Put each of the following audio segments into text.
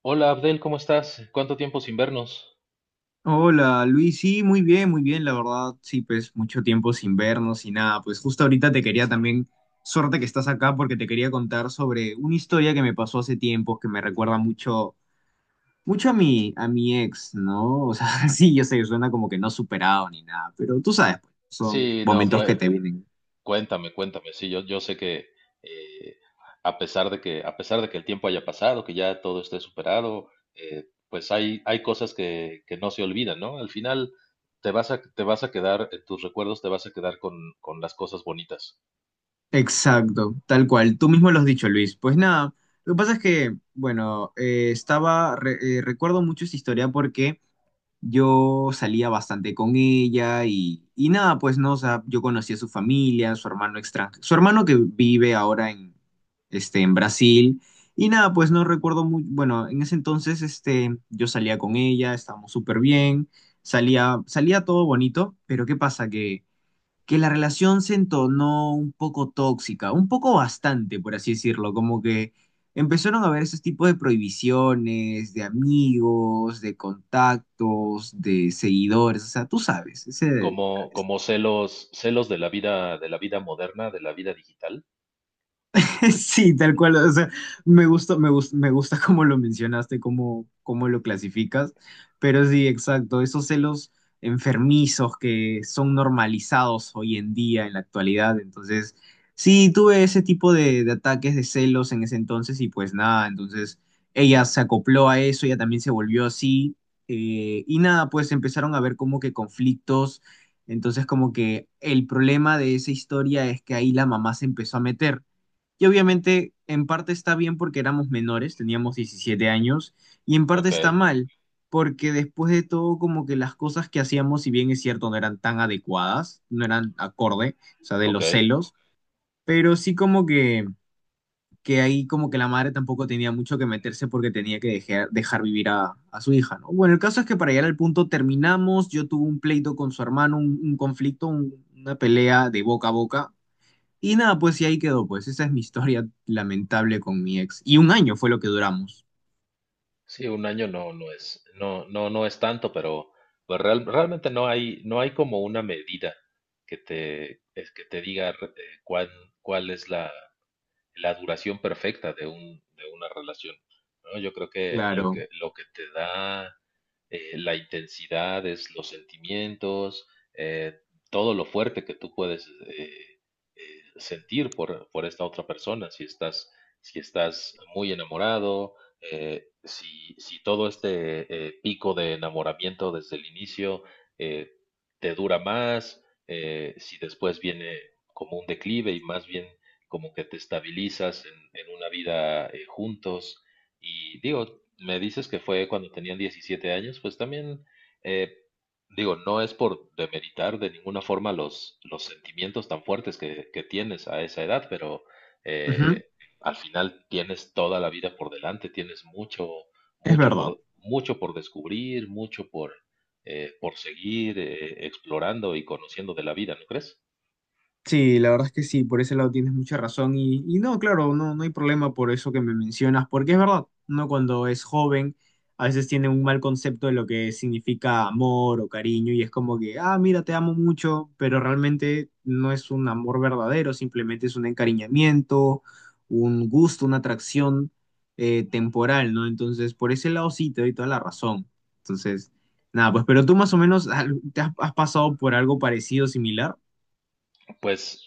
Hola Abdel, ¿cómo estás? ¿Cuánto tiempo sin vernos? Hola Luis, sí, muy bien, la verdad, sí, pues mucho tiempo sin vernos. Y nada, pues justo ahorita te quería también, suerte que estás acá, porque te quería contar sobre una historia que me pasó hace tiempo que me recuerda mucho, mucho a mi ex, ¿no? O sea, sí, yo sé, suena como que no superado ni nada, pero tú sabes, pues, son Sí, no, momentos. Sí, que te vienen. cuéntame, cuéntame. Sí, yo sé que eh, a pesar de que, a pesar de que el tiempo haya pasado, que ya todo esté superado, pues hay cosas que no se olvidan, ¿no? Al final te vas a quedar, en tus recuerdos te vas a quedar con las cosas bonitas, Exacto, tal cual, tú mismo lo has dicho, Luis. Pues nada, lo que pasa es que, bueno, estaba, recuerdo mucho esta historia porque yo salía bastante con ella. Y, y nada, pues no, o sea, yo conocí a su familia, su hermano extranjero, su hermano que vive ahora en, este, en Brasil. Y nada, pues no recuerdo muy, bueno, en ese entonces, este, yo salía con ella, estábamos súper bien, salía, salía todo bonito. Pero ¿qué pasa? Que la relación se entonó un poco tóxica, un poco bastante, por así decirlo, como que empezaron a haber esos tipos de prohibiciones, de amigos, de contactos, de seguidores, o sea, tú sabes, ese... como celos, celos de la vida moderna, de la vida digital. Sí, tal cual. O sea, me gusta, me gusta, me gusta cómo lo mencionaste, cómo, cómo lo clasificas. Pero sí, exacto. Esos celos enfermizos que son normalizados hoy en día, en la actualidad. Entonces, sí, tuve ese tipo de ataques de celos en ese entonces. Y pues nada, entonces ella se acopló a eso, ella también se volvió así. Y nada, pues empezaron a ver como que conflictos. Entonces, como que el problema de esa historia es que ahí la mamá se empezó a meter. Y obviamente en parte está bien porque éramos menores, teníamos 17 años, y en parte Ok, está mal porque después de todo como que las cosas que hacíamos, si bien es cierto, no eran tan adecuadas, no eran acorde, o sea, de ok. los celos, pero sí como que ahí como que la madre tampoco tenía mucho que meterse, porque tenía que dejar, dejar vivir a su hija, ¿no? Bueno, el caso es que, para llegar al punto, terminamos, yo tuve un pleito con su hermano, un conflicto, una pelea de boca a boca. Y nada, pues y ahí quedó, pues esa es mi historia lamentable con mi ex. Y un año fue lo que duramos. Sí, un año no es, no es tanto, pero pues, realmente no no hay como una medida que te, es que te diga ¿cuál es la duración perfecta de un, de una relación, ¿no? Yo creo que Claro. Lo que te da la intensidad, es los sentimientos, eh, todo lo fuerte que tú puedes eh, sentir por esta otra persona, si estás muy enamorado, si todo este pico de enamoramiento desde el inicio eh, te dura más, si después viene como un declive y más bien como que te estabilizas en una vida juntos. Y digo, me dices que fue cuando tenían 17 años, pues también, eh, digo, no es por demeritar de ninguna forma los sentimientos tan fuertes que tienes a esa edad, pero Ujú. eh, al final tienes toda la vida por delante, tienes mucho, Es verdad. Mucho por descubrir, mucho por seguir explorando y conociendo de la vida, ¿no crees? Sí, la verdad es que sí, por ese lado tienes mucha razón. Y, y no, claro, no, no hay problema por eso que me mencionas, porque es verdad, uno cuando es joven a veces tiene un mal concepto de lo que significa amor o cariño, y es como que, ah, mira, te amo mucho, pero realmente no es un amor verdadero, simplemente es un encariñamiento, un gusto, una atracción temporal, ¿no? Entonces, por ese lado sí, te doy toda la razón. Entonces, nada, pues, pero tú más o menos, ah, ¿te has pasado por algo parecido, similar? Pues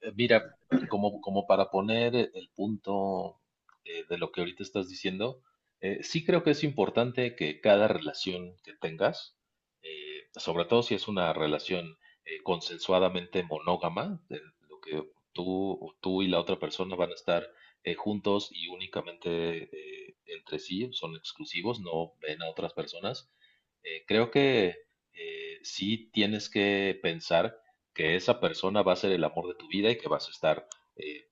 Mira, como para poner el punto de lo que ahorita estás diciendo, sí creo que es importante que cada relación que tengas, sobre todo si es una relación consensuadamente monógama, de lo que tú y la otra persona van a estar juntos y únicamente entre sí, son exclusivos, no ven a otras personas, creo que sí tienes que pensar que esa persona va a ser el amor de tu vida y que vas a estar eh,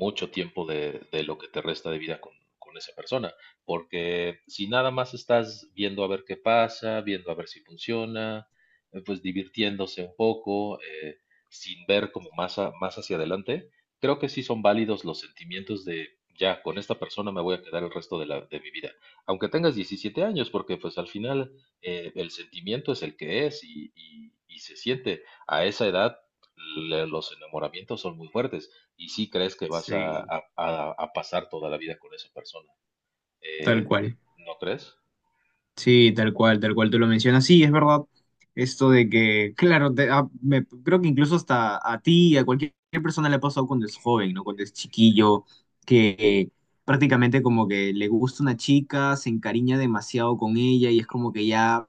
mucho tiempo de lo que te resta de vida con esa persona, porque si nada más estás viendo a ver qué pasa, viendo a ver si funciona, pues divirtiéndose un poco, sin ver como más, más hacia adelante, creo que sí son válidos los sentimientos de, ya, con esta persona me voy a quedar el resto de mi vida, aunque tengas 17 años, porque pues al final el sentimiento es el que es y se siente a esa edad los enamoramientos son muy fuertes y sí crees que vas Sí. A pasar toda la vida con esa persona. Tal Eh, cual. ¿No crees? Sí, tal cual tú lo mencionas. Sí, es verdad. Esto de que, claro, creo que incluso hasta a ti, a cualquier persona le ha pasado cuando es joven, ¿no? Cuando es chiquillo, que prácticamente como que le gusta una chica, se encariña demasiado con ella y es como que ya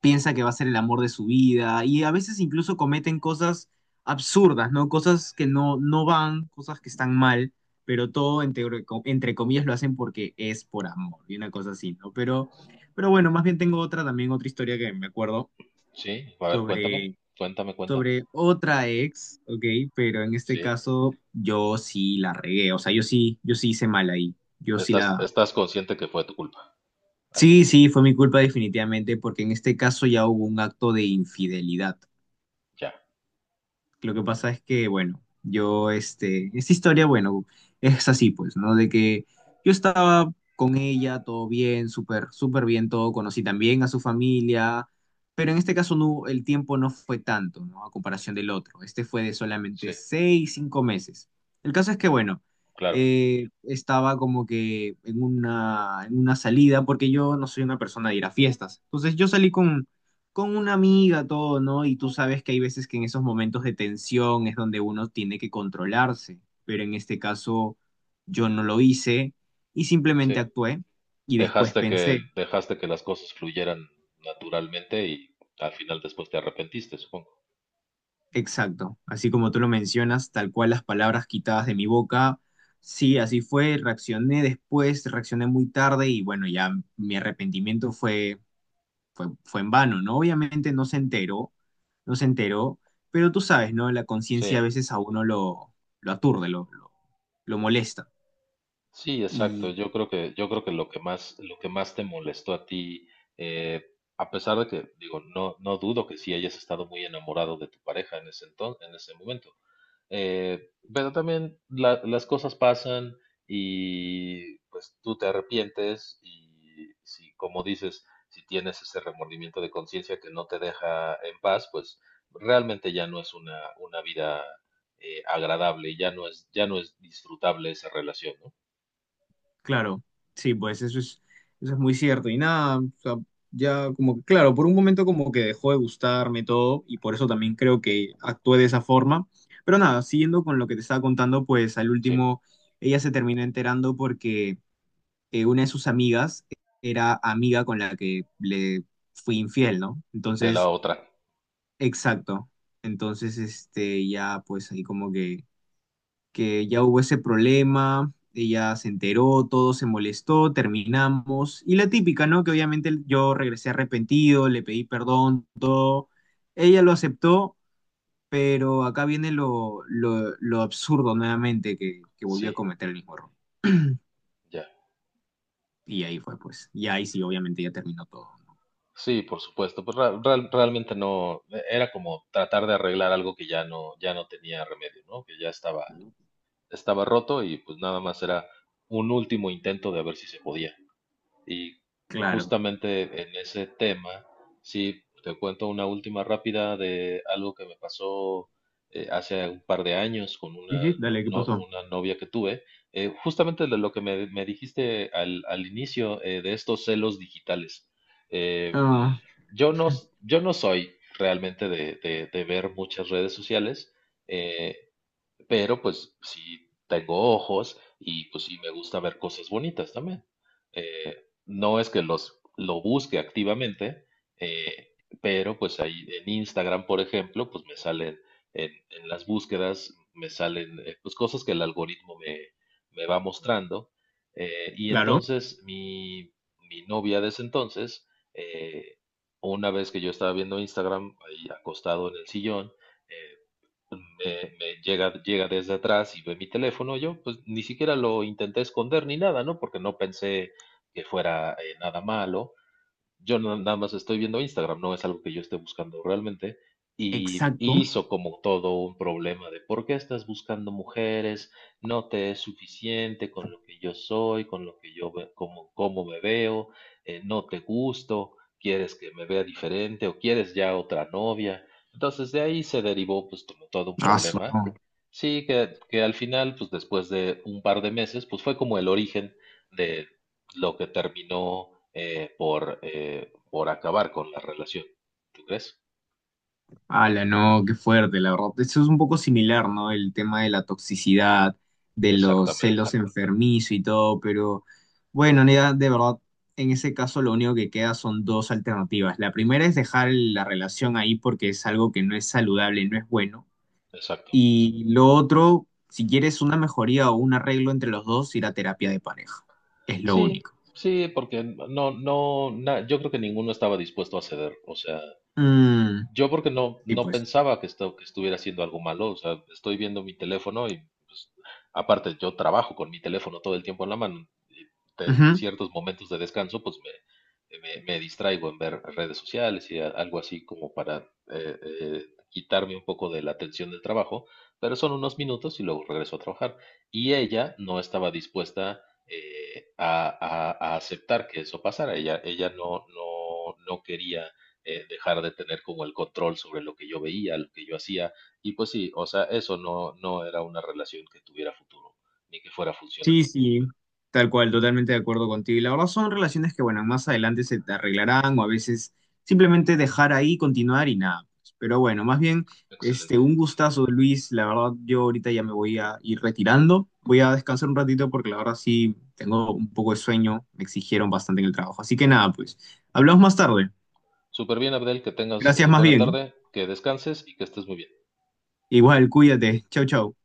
piensa que va a ser el amor de su vida. Y a veces incluso cometen cosas absurdas, ¿no? Cosas que no, no van, cosas que están mal, pero todo entre comillas lo hacen porque es por amor y una cosa así, ¿no? Pero... pero bueno, más bien tengo otra también, otra historia que me acuerdo Sí, a ver, cuéntame, sobre, cuéntame, cuéntame. sobre otra ex, ¿ok? Pero en Sí, este caso yo sí la regué, o sea, yo sí, yo sí hice mal ahí, yo sí estás, la... estás consciente que fue tu culpa. Ahí, Sí, sí, fue mi culpa definitivamente, porque en este caso ya hubo un acto de infidelidad. ya. Lo que pasa es que, bueno, yo, este, esta historia, bueno, es así, pues, ¿no? De que yo estaba con ella, todo bien, súper, súper bien todo, conocí también a su familia, pero en este caso no, el tiempo no fue tanto, ¿no? A comparación del otro. Este fue de solamente Sí, seis, cinco meses. El caso es que, bueno, claro, estaba como que en una salida, porque yo no soy una persona de ir a fiestas. Entonces yo salí con una amiga, todo, ¿no? Y tú sabes que hay veces que en esos momentos de tensión es donde uno tiene que controlarse, pero en este caso yo no lo hice y simplemente sí. actué y después pensé, Dejaste que las cosas fluyeran naturalmente y al final después te arrepentiste, supongo. exacto, así como tú lo mencionas, tal cual las palabras quitadas de mi boca, sí, así fue, reaccioné después, reaccioné muy tarde, y bueno, ya mi arrepentimiento fue fue en vano, ¿no? Obviamente no se enteró, no se enteró, pero tú sabes, ¿no? La Sí, conciencia a veces a uno lo aturde, lo molesta. sí, exacto. Y Yo creo yo creo que lo que más te molestó a ti, eh, a pesar de que, digo, no, no dudo que sí hayas estado muy enamorado de tu pareja en ese entonces, en ese momento. Pero también las cosas pasan y pues tú te arrepientes y si, como dices, si tienes ese remordimiento de conciencia que no te deja en paz, pues realmente ya no es una vida, agradable, ya no es disfrutable esa relación, ¿no? claro, sí, pues eso es muy cierto. Y nada, o sea, ya como que, claro, por un momento como que dejó de gustarme todo, y por eso también creo que actué de esa forma. Pero nada, siguiendo con lo que te estaba contando, pues al Sí. último ella se terminó enterando porque una de sus amigas era amiga con la que le fui infiel, ¿no? De la Entonces, otra, exacto. Entonces, este, ya pues ahí como que ya hubo ese problema, ella se enteró, todo se molestó, terminamos. Y la típica, ¿no? Que obviamente yo regresé arrepentido, le pedí perdón, todo. Ella lo aceptó, pero acá viene lo absurdo nuevamente, que volvió a sí, cometer el mismo error. ya. Y ahí fue, pues. Y ahí sí, obviamente ya terminó todo, Sí, por supuesto, pues realmente no, era como tratar de arreglar algo que ya no, ya no tenía remedio, ¿no? Que ya estaba, ¿no? estaba roto y pues nada más era un último intento de ver si se podía. Y Claro. justamente en ese tema, sí, te cuento una última rápida de algo que me pasó hace un par de años con una, una novia que tuve. Justamente de lo que me dijiste al inicio de estos celos digitales. Eh, Ah. Yo no soy realmente de ver muchas redes sociales. eh, pero pues sí tengo ojos y pues sí me gusta ver cosas bonitas también. No es que los lo busque activamente, eh, pero pues ahí en Instagram, por ejemplo, pues me salen en las búsquedas, me salen pues cosas que el algoritmo me va mostrando. eh, y Claro. entonces mi, mi novia de ese entonces, eh, una vez que yo estaba viendo Instagram, ahí acostado en el sillón, eh, me llega, llega desde atrás y ve mi teléfono. Yo, pues ni siquiera lo intenté esconder ni nada, ¿no? Porque no pensé que fuera nada malo. Yo no- nada más estoy viendo Instagram, no es algo que yo esté buscando realmente. Y Exacto. hizo como todo un problema de por qué estás buscando mujeres, no te es suficiente con lo que yo soy, con lo que como, cómo me veo, no te gusto, quieres que me vea diferente o quieres ya otra novia. Entonces de ahí se derivó pues como todo un Ah, su- problema. no. Sí, que al final pues después de un par de meses pues fue como el origen de lo que terminó por acabar con la relación. ¿Tú crees? Ala, no, qué fuerte, la verdad. Eso es un poco similar, ¿no? El tema de la toxicidad, de los Exactamente, celos enfermizos y todo, pero bueno, ya, de verdad, en ese caso lo único que queda son dos alternativas. La primera es dejar la relación ahí porque es algo que no es saludable, no es bueno. exacto. Y lo otro, si quieres una mejoría o un arreglo entre los dos, ir a terapia de pareja. Es lo Sí, único. sí, porque no, no, na- yo creo que ninguno estaba dispuesto a ceder. O sea, Mm, yo porque y no pues. pensaba que, esto, que estuviera haciendo algo malo, o sea, estoy viendo mi teléfono y pues, aparte yo trabajo con mi teléfono todo el tiempo en la mano, y ciertos momentos de descanso pues me distraigo en ver redes sociales y algo así como para quitarme un poco de la atención del trabajo, pero son unos minutos y luego regreso a trabajar. Y ella no estaba dispuesta a aceptar que eso pasara, ella no quería dejar de tener como el control sobre lo que yo veía, lo que yo hacía. Y pues sí, o sea, eso no era una relación que tuviera futuro, ni que fuera funcional. Sí, sí, tal cual, totalmente de acuerdo contigo. Y la verdad son relaciones que, bueno, más adelante se te arreglarán, o a veces simplemente dejar ahí, continuar y nada, pues. Pero bueno, más bien, este, Excelente. un gustazo, Luis. La verdad, yo ahorita ya me voy a ir retirando. Voy a descansar un ratito porque la verdad sí tengo un poco de sueño. Me exigieron bastante en el trabajo. Así que nada, pues, hablamos más tarde. Súper bien, Abdel, que tengas Gracias más buena bien. tarde, que descanses y que estés muy bien. Igual, cuídate. Chau, chau.